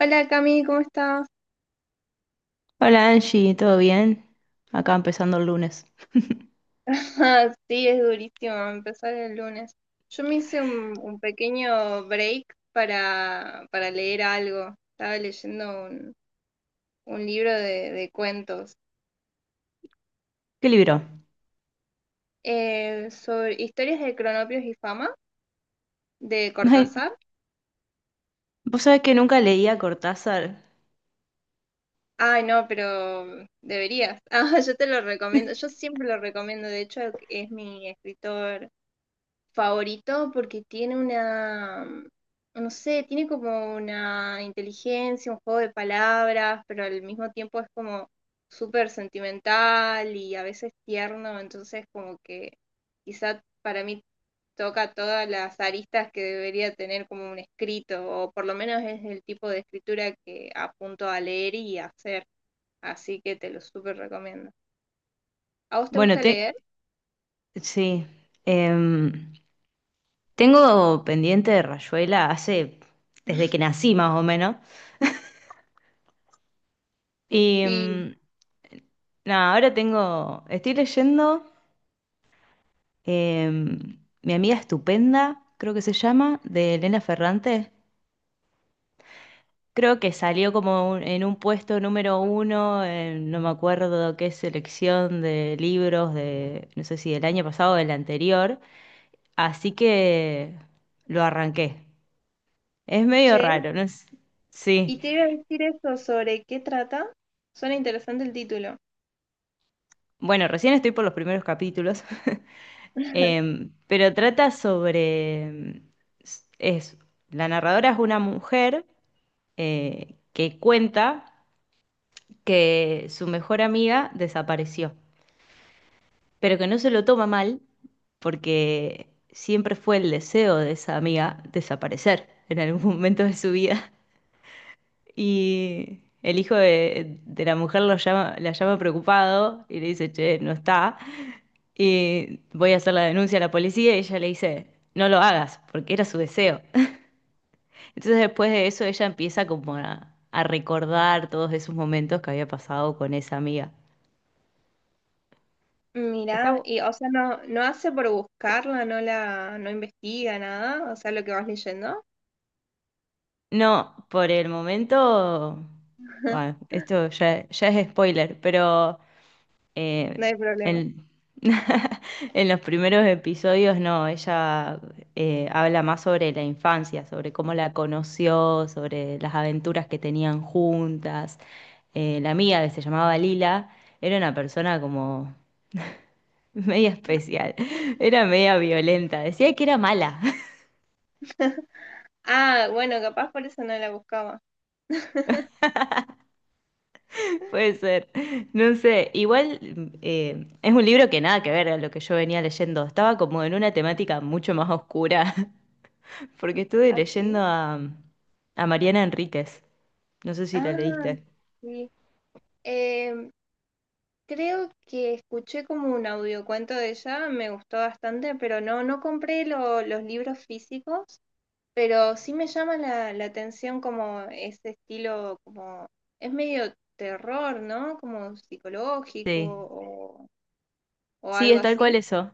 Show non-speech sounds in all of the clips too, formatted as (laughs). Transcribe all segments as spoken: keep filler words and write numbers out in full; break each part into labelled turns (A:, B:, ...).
A: Hola Cami, ¿cómo estás?
B: Hola Angie, ¿todo bien? Acá empezando el lunes.
A: (laughs) Sí, es durísimo empezar el lunes. Yo me hice un, un pequeño break para, para leer algo. Estaba leyendo un, un libro de, de cuentos
B: ¿Qué libro?
A: eh, sobre historias de Cronopios y Fama de
B: Ay,
A: Cortázar.
B: vos sabés que nunca leía Cortázar.
A: Ay, no, pero deberías. (laughs) Ah, yo te lo recomiendo. Yo
B: (laughs)
A: siempre lo recomiendo. De hecho, es mi escritor favorito porque tiene una, no sé, tiene como una inteligencia, un juego de palabras, pero al mismo tiempo es como súper sentimental y a veces tierno, entonces como que quizá para mí toca todas las aristas que debería tener como un escrito, o por lo menos es el tipo de escritura que apunto a leer y a hacer, así que te lo súper recomiendo. ¿A vos te
B: Bueno,
A: gusta
B: te...
A: leer?
B: sí. em, Tengo pendiente de Rayuela hace... desde que nací más o menos. Y
A: Sí.
B: em, nada, ahora tengo... estoy leyendo em, Mi amiga estupenda, creo que se llama, de Elena Ferrante. Creo que salió como un- en un puesto número uno, en- no me acuerdo qué selección de libros de, no sé si del año pasado o del anterior, así que lo arranqué. Es medio
A: Che,
B: raro, ¿no? es- Sí.
A: y te iba a decir eso sobre qué trata. Suena interesante el título.
B: Bueno, recién estoy por los primeros capítulos. (laughs) Em, pero trata sobre, em, s- es, la narradora es una mujer eh, que cuenta que su mejor amiga desapareció, pero que no se lo toma mal porque siempre fue el deseo de esa amiga desaparecer en algún (laughs) momento de su vida. Y el hijo de, de la mujer lo llama, la llama preocupado y le dice: che, no está. Y voy a hacer la denuncia a la policía, y ella le dice: no lo hagas, porque era su deseo. (laughs) Entonces después de eso ella empieza como a, a recordar todos esos momentos que había pasado con esa amiga. Está,
A: Mirá,
B: bu-
A: y o sea, no, no hace por buscarla, no la, no investiga nada, o sea, lo que vas leyendo,
B: No, por el momento, bueno, esto ya, ya es spoiler, pero eh,
A: no hay problema.
B: en, (laughs) en los primeros episodios no, ella eh, habla más sobre la infancia, sobre cómo la conoció, sobre las aventuras que tenían juntas. Eh, la amiga, que se llamaba Lila, era una persona como media especial, (laughs) era media violenta, decía que era mala.
A: (laughs) Ah, bueno, capaz por eso no la buscaba.
B: Puede ser, (laughs) no sé. Igual eh, es un libro que nada que ver a lo que yo venía leyendo, estaba como en una temática mucho más oscura, (laughs) porque estuve
A: Ah, sí.
B: leyendo a, a Mariana Enríquez, no sé si la
A: Ah,
B: leíste.
A: sí. Em, Creo que escuché como un audiocuento de ella, me gustó bastante, pero no, no compré lo- los libros físicos. Pero sí me llama la, la atención como ese estilo, como es medio terror, ¿no? Como psicológico
B: Sí,
A: o, o
B: sí,
A: algo
B: es tal
A: así.
B: cual eso.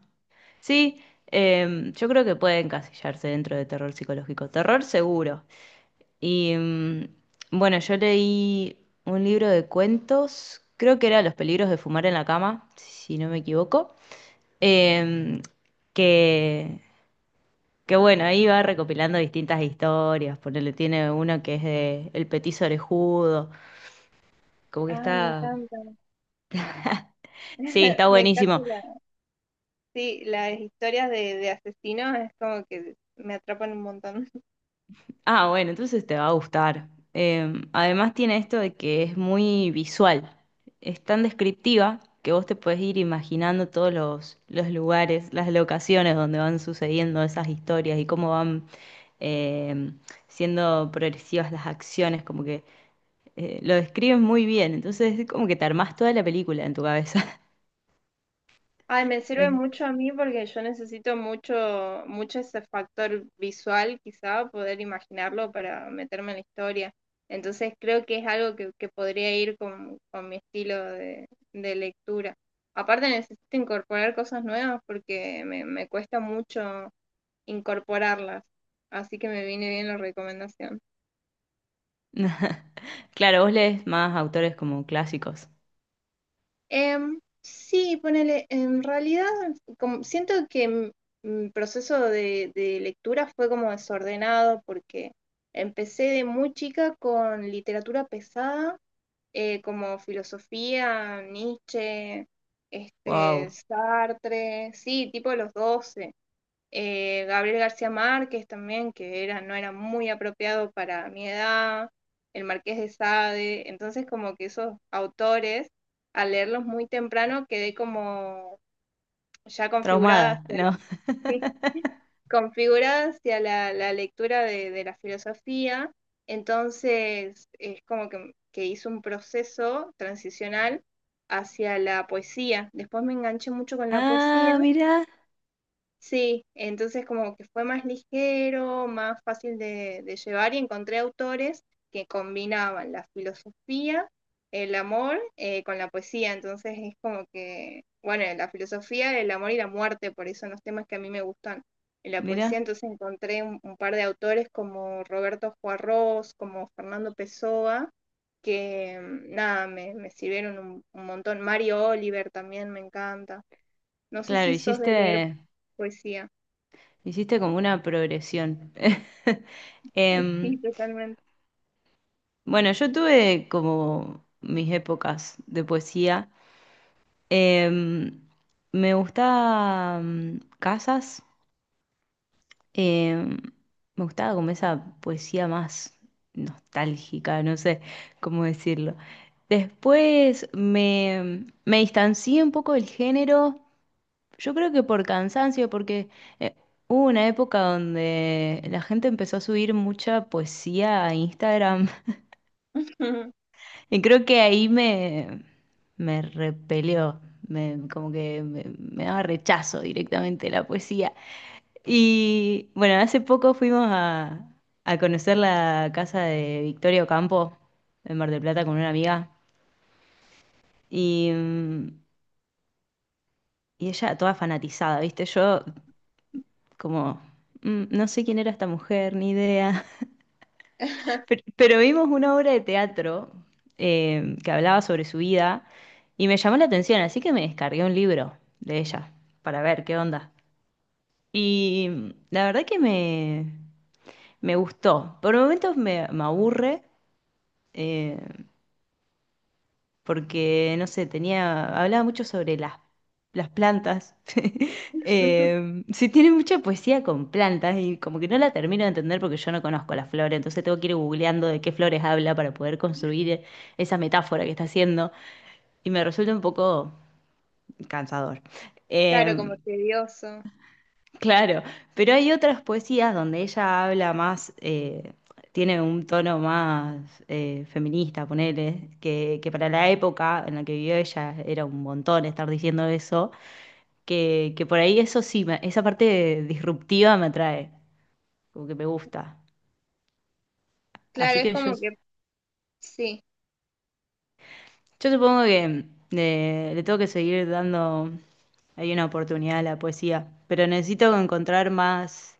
B: Sí, em, yo creo que puede encasillarse dentro de terror psicológico, terror seguro. Y mm, bueno, yo leí un libro de cuentos, creo que era Los peligros de fumar en la cama, si no me equivoco. Em, que, que bueno, ahí va recopilando distintas historias, ponele, tiene uno que es de El Petiso Orejudo, como que
A: Ah, me
B: está,
A: encanta.
B: sí,
A: (laughs)
B: está
A: Me encanta
B: buenísimo.
A: la, sí, las historias de, de asesinos, es como que me atrapan un montón.
B: Ah, bueno, entonces te va a gustar. Em, además tiene esto de que es muy visual, es tan descriptiva que vos te puedes ir imaginando todos los, los lugares, las locaciones donde van sucediendo esas historias y cómo van... em, siendo progresivas las acciones, como que eh, lo describen muy bien, entonces es como que te armás toda la película en tu cabeza. (laughs)
A: Ay, me sirve
B: Eh,
A: mucho a mí porque yo necesito mucho, mucho ese factor visual, quizá, poder imaginarlo para meterme en la historia. Entonces creo que es algo que, que podría ir con, con mi estilo de, de lectura. Aparte necesito incorporar cosas nuevas porque me, me cuesta mucho incorporarlas. Así que me viene bien la recomendación.
B: (laughs) Claro, vos lees más autores como clásicos.
A: Em, sí, ponele, en realidad como- siento que mi mi proceso de, de lectura fue como desordenado porque empecé de muy chica con literatura pesada, eh, como filosofía, Nietzsche, este,
B: Wow,
A: Sartre, sí, tipo los doce. Eh, Gabriel García Márquez también, que era, no era muy apropiado para mi edad, el Marqués de Sade, entonces como que esos autores, al leerlos muy temprano, quedé como ya configurada
B: traumada,
A: hacia la,
B: ¿no?
A: (laughs) sí, configurada hacia la, la lectura de, de, la filosofía, entonces es como que, que hice un proceso transicional hacia la poesía. Después me enganché mucho con
B: (laughs)
A: la poesía.
B: Ah, mirá,
A: Sí, entonces como que fue más ligero, más fácil de, de llevar y encontré autores que combinaban la filosofía, el amor eh, con la poesía. Entonces es como que, bueno, la filosofía, el amor y la muerte, por eso son los temas que a mí me gustan en la poesía.
B: mirá.
A: Entonces encontré un, un par de autores como Roberto Juarros, como Fernando Pessoa, que mm, nada, me, me sirvieron un, un montón. Mario Oliver también me encanta. No sé
B: Claro,
A: si sos de leer
B: hiciste,
A: poesía.
B: hiciste como una progresión. (laughs)
A: Sí,
B: Em,
A: totalmente.
B: bueno, yo tuve como mis épocas de poesía. Em, Me gustaba mm, Casas. Em, Me gustaba como esa poesía más nostálgica, no sé cómo decirlo. Después me, me distancié un poco del género. Yo creo que por cansancio, porque eh, hubo una época donde la gente empezó a subir mucha poesía a Instagram, (laughs) y creo que ahí me, me repelió, me, como que me me daba rechazo directamente la poesía. Y bueno, hace poco fuimos a, a conocer la casa de Victoria Ocampo en Mar del Plata con una amiga y, mm, y ella toda fanatizada, ¿viste? Yo como, mm, no sé quién era esta mujer, ni idea. (laughs) Pero,
A: (laughs)
B: pero vimos una obra de teatro eh, que hablaba sobre su vida y me llamó la atención, así que me descargué un libro de ella para ver qué onda. Y mm, la verdad que me, me gustó. Por momentos me me aburre. eh, Porque, no sé, tenía, hablaba mucho sobre las, las plantas. (laughs) Eh, sí, tiene mucha poesía con plantas, y como que no la termino de entender porque yo no conozco las flores, entonces tengo que ir googleando de qué flores habla para poder construir esa metáfora que está haciendo, y me resulta un poco cansador.
A: Claro,
B: Eh,
A: como tedioso.
B: Claro, pero hay otras poesías donde ella habla más, eh, tiene un tono más eh, feminista, ponele, que, que para la época en la que vivió, ella era un montón estar diciendo eso, que, que por ahí eso sí, me- esa parte disruptiva me atrae, como que me gusta. Así
A: Claro, es
B: que yo,
A: como que sí,
B: yo supongo que eh, le tengo que seguir dando ahí una oportunidad a la poesía, pero necesito encontrar más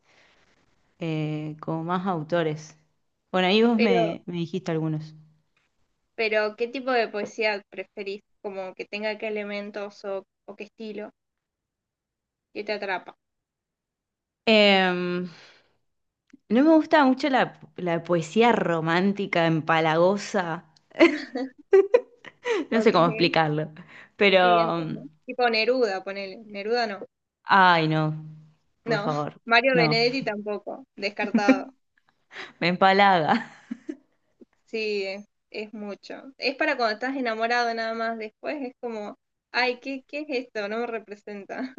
B: eh, como más autores. Bueno, ahí vos
A: pero,
B: me, me dijiste algunos.
A: pero ¿qué tipo de poesía preferís? Como que tenga qué elementos o, o qué estilo que te atrapa.
B: Em, no me gusta mucho la, la poesía romántica, empalagosa. (laughs)
A: (laughs)
B: No sé
A: Ok,
B: cómo explicarlo, pero...
A: siguiente, ¿no? Tipo Neruda, ponele. Neruda no.
B: Ay, no, por
A: No, (laughs)
B: favor,
A: Mario
B: no,
A: Benedetti tampoco, descartado.
B: me empalaga.
A: Sí, es, es mucho. Es para cuando estás enamorado nada más, después es como, ay, ¿qué, qué es esto? No me representa.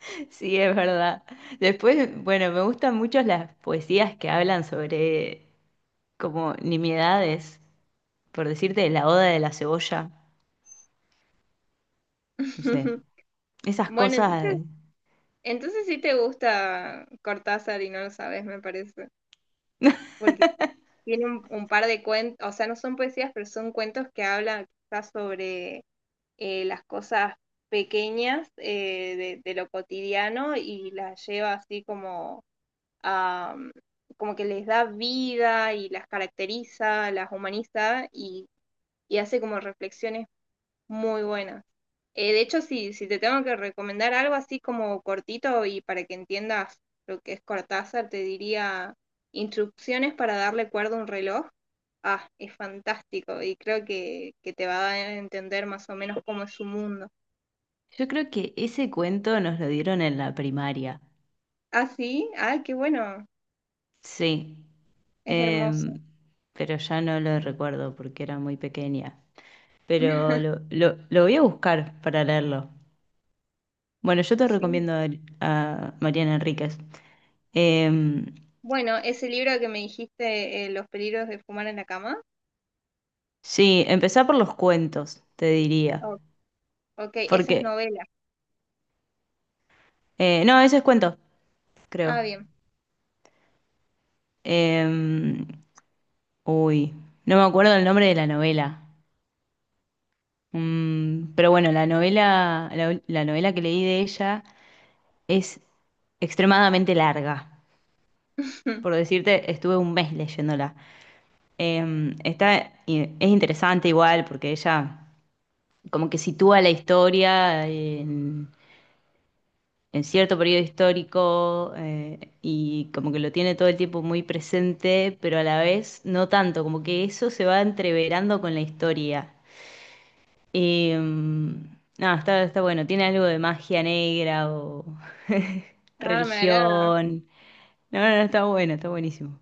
B: (laughs) Sí, es verdad. Después, bueno, me gustan mucho las poesías que hablan sobre como nimiedades, por decirte, la oda de la cebolla, no sé,
A: (laughs)
B: esas
A: Bueno, entonces
B: cosas.
A: entonces sí te gusta Cortázar y no lo sabes, me parece, porque
B: (laughs)
A: tiene un, un par de cuentos, o sea, no son poesías, pero son cuentos que hablan quizás sobre eh, las cosas pequeñas eh, de, de lo cotidiano y las lleva así como a, mm, como que les da vida y las caracteriza, las humaniza y, y hace como reflexiones muy buenas. Eh, de hecho, sí, si te tengo que recomendar algo así como cortito y para que entiendas lo que es Cortázar, te diría instrucciones para darle cuerda a un reloj. Ah, es fantástico y creo que, que te va a dar a entender más o menos cómo es su mundo.
B: Yo creo que ese cuento nos lo dieron en la primaria.
A: Ah, sí, ah, qué bueno,
B: Sí.
A: es
B: Em,
A: hermoso.
B: pero ya no lo recuerdo porque era muy pequeña. Pero
A: (laughs)
B: lo, lo- lo voy a buscar para leerlo. Bueno, yo te
A: Sí,
B: recomiendo a, a Mariana Enríquez. Em,
A: bueno, ese libro que me dijiste, eh, Los peligros de fumar en la cama.
B: sí, empezá por los cuentos, te diría.
A: Oh, ok, esa es
B: Porque.
A: novela.
B: Eh, no, ese es cuento, creo.
A: Ah, bien.
B: Em, Uy, no me acuerdo el nombre de la novela. Mm, pero bueno, la novela, la, la novela que leí de ella es extremadamente larga. Por
A: (laughs)
B: decirte, estuve un mes leyéndola. Eh, está, y es interesante igual porque ella como que sitúa la historia en, en cierto periodo histórico, eh, y como que lo tiene todo el tiempo muy presente, pero a la vez no tanto, como que eso se va entreverando con la historia. Y, mm, no, está, está bueno. Tiene algo de magia negra o (laughs)
A: Ah, me agrada.
B: religión. No, no, no, está bueno, está buenísimo.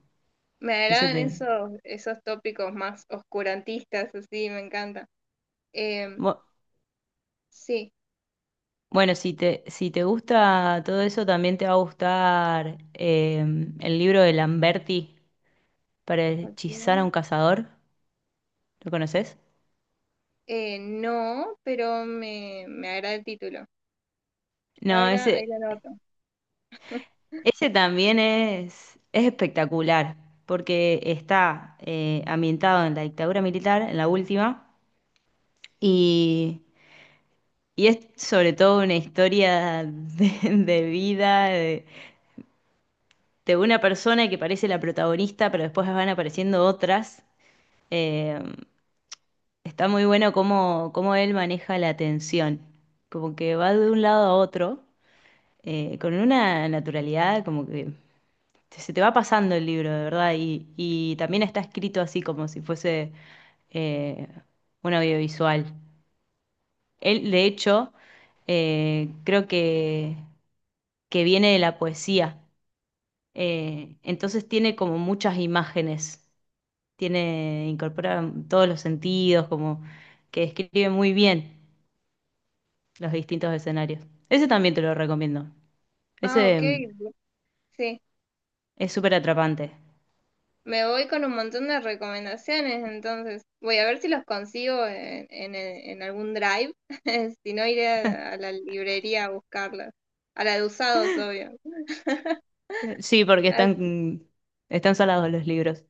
A: Me
B: Ese
A: agradan
B: te...
A: esos, esos tópicos más oscurantistas, así, me encanta. Em,
B: Bu-
A: sí,
B: Bueno, si te, si te gusta todo eso, también te va a gustar eh, el libro de Lamberti para hechizar a un
A: ok.
B: cazador. ¿Lo conoces?
A: Eh, no, pero me, me agrada el título.
B: No,
A: Para, ahí
B: ese,
A: lo anoto. (laughs)
B: ese también es, es espectacular, porque está eh, ambientado en la dictadura militar, en la última, y y es sobre todo una historia de, (laughs) de vida de, de una persona que parece la protagonista, pero después van apareciendo otras. Eh, Está muy bueno cómo, cómo él maneja la atención, como que va de un lado a otro, eh, con una naturalidad, como que se te va pasando el libro, de verdad, y, y también está escrito así como si fuese eh, un audiovisual. Él, de hecho, eh, creo que que viene de la poesía. Eh, entonces tiene como muchas imágenes, tiene, incorpora todos los sentidos, como que describe muy bien los distintos escenarios. Ese también te lo recomiendo.
A: Ah, ok,
B: Ese mm,
A: sí.
B: es súper atrapante.
A: Me voy con un montón de recomendaciones, entonces voy a ver si los consigo en, en, en algún drive, (laughs) si no iré a, a la librería a buscarlas, a la de usados, obvio.
B: Eh, Sí, porque están, mm, están salados los libros.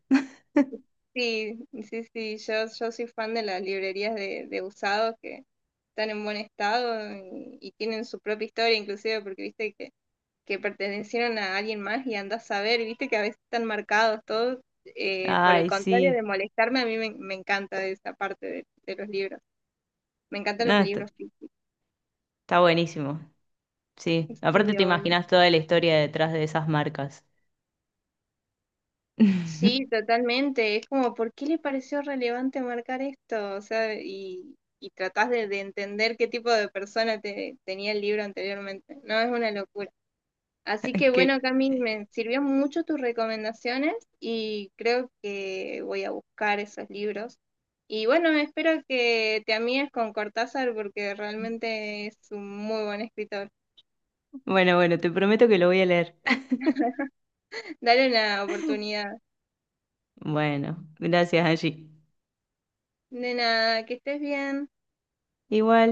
A: Sí, sí, sí, yo, yo soy fan de las librerías de, de usados que están en buen estado y, y tienen su propia historia, inclusive porque viste que, que pertenecieron a alguien más y andás a ver, viste que a veces están marcados todos, eh, por el
B: Ay,
A: contrario
B: sí.
A: de molestarme, a mí me, me encanta esa parte de, de los libros. Me encantan
B: No,
A: los
B: está,
A: libros físicos.
B: está buenísimo. Sí.
A: Sí,
B: Aparte te
A: obvio.
B: imaginas toda la historia detrás de esas marcas.
A: Sí,
B: (laughs)
A: totalmente. Es como, ¿por qué le pareció relevante marcar esto? O sea, y, y tratás de, de entender qué tipo de persona te, tenía el libro anteriormente. No, es una locura. Así que bueno,
B: Que,
A: Cami, me sirvió mucho tus recomendaciones y creo que voy a buscar esos libros. Y bueno, espero que te amigues con Cortázar porque realmente es un muy buen escritor.
B: bueno, bueno, te prometo que lo voy a leer.
A: Dale una
B: (laughs)
A: oportunidad.
B: Bueno, gracias, Angie.
A: De nada, que estés bien.
B: Igual.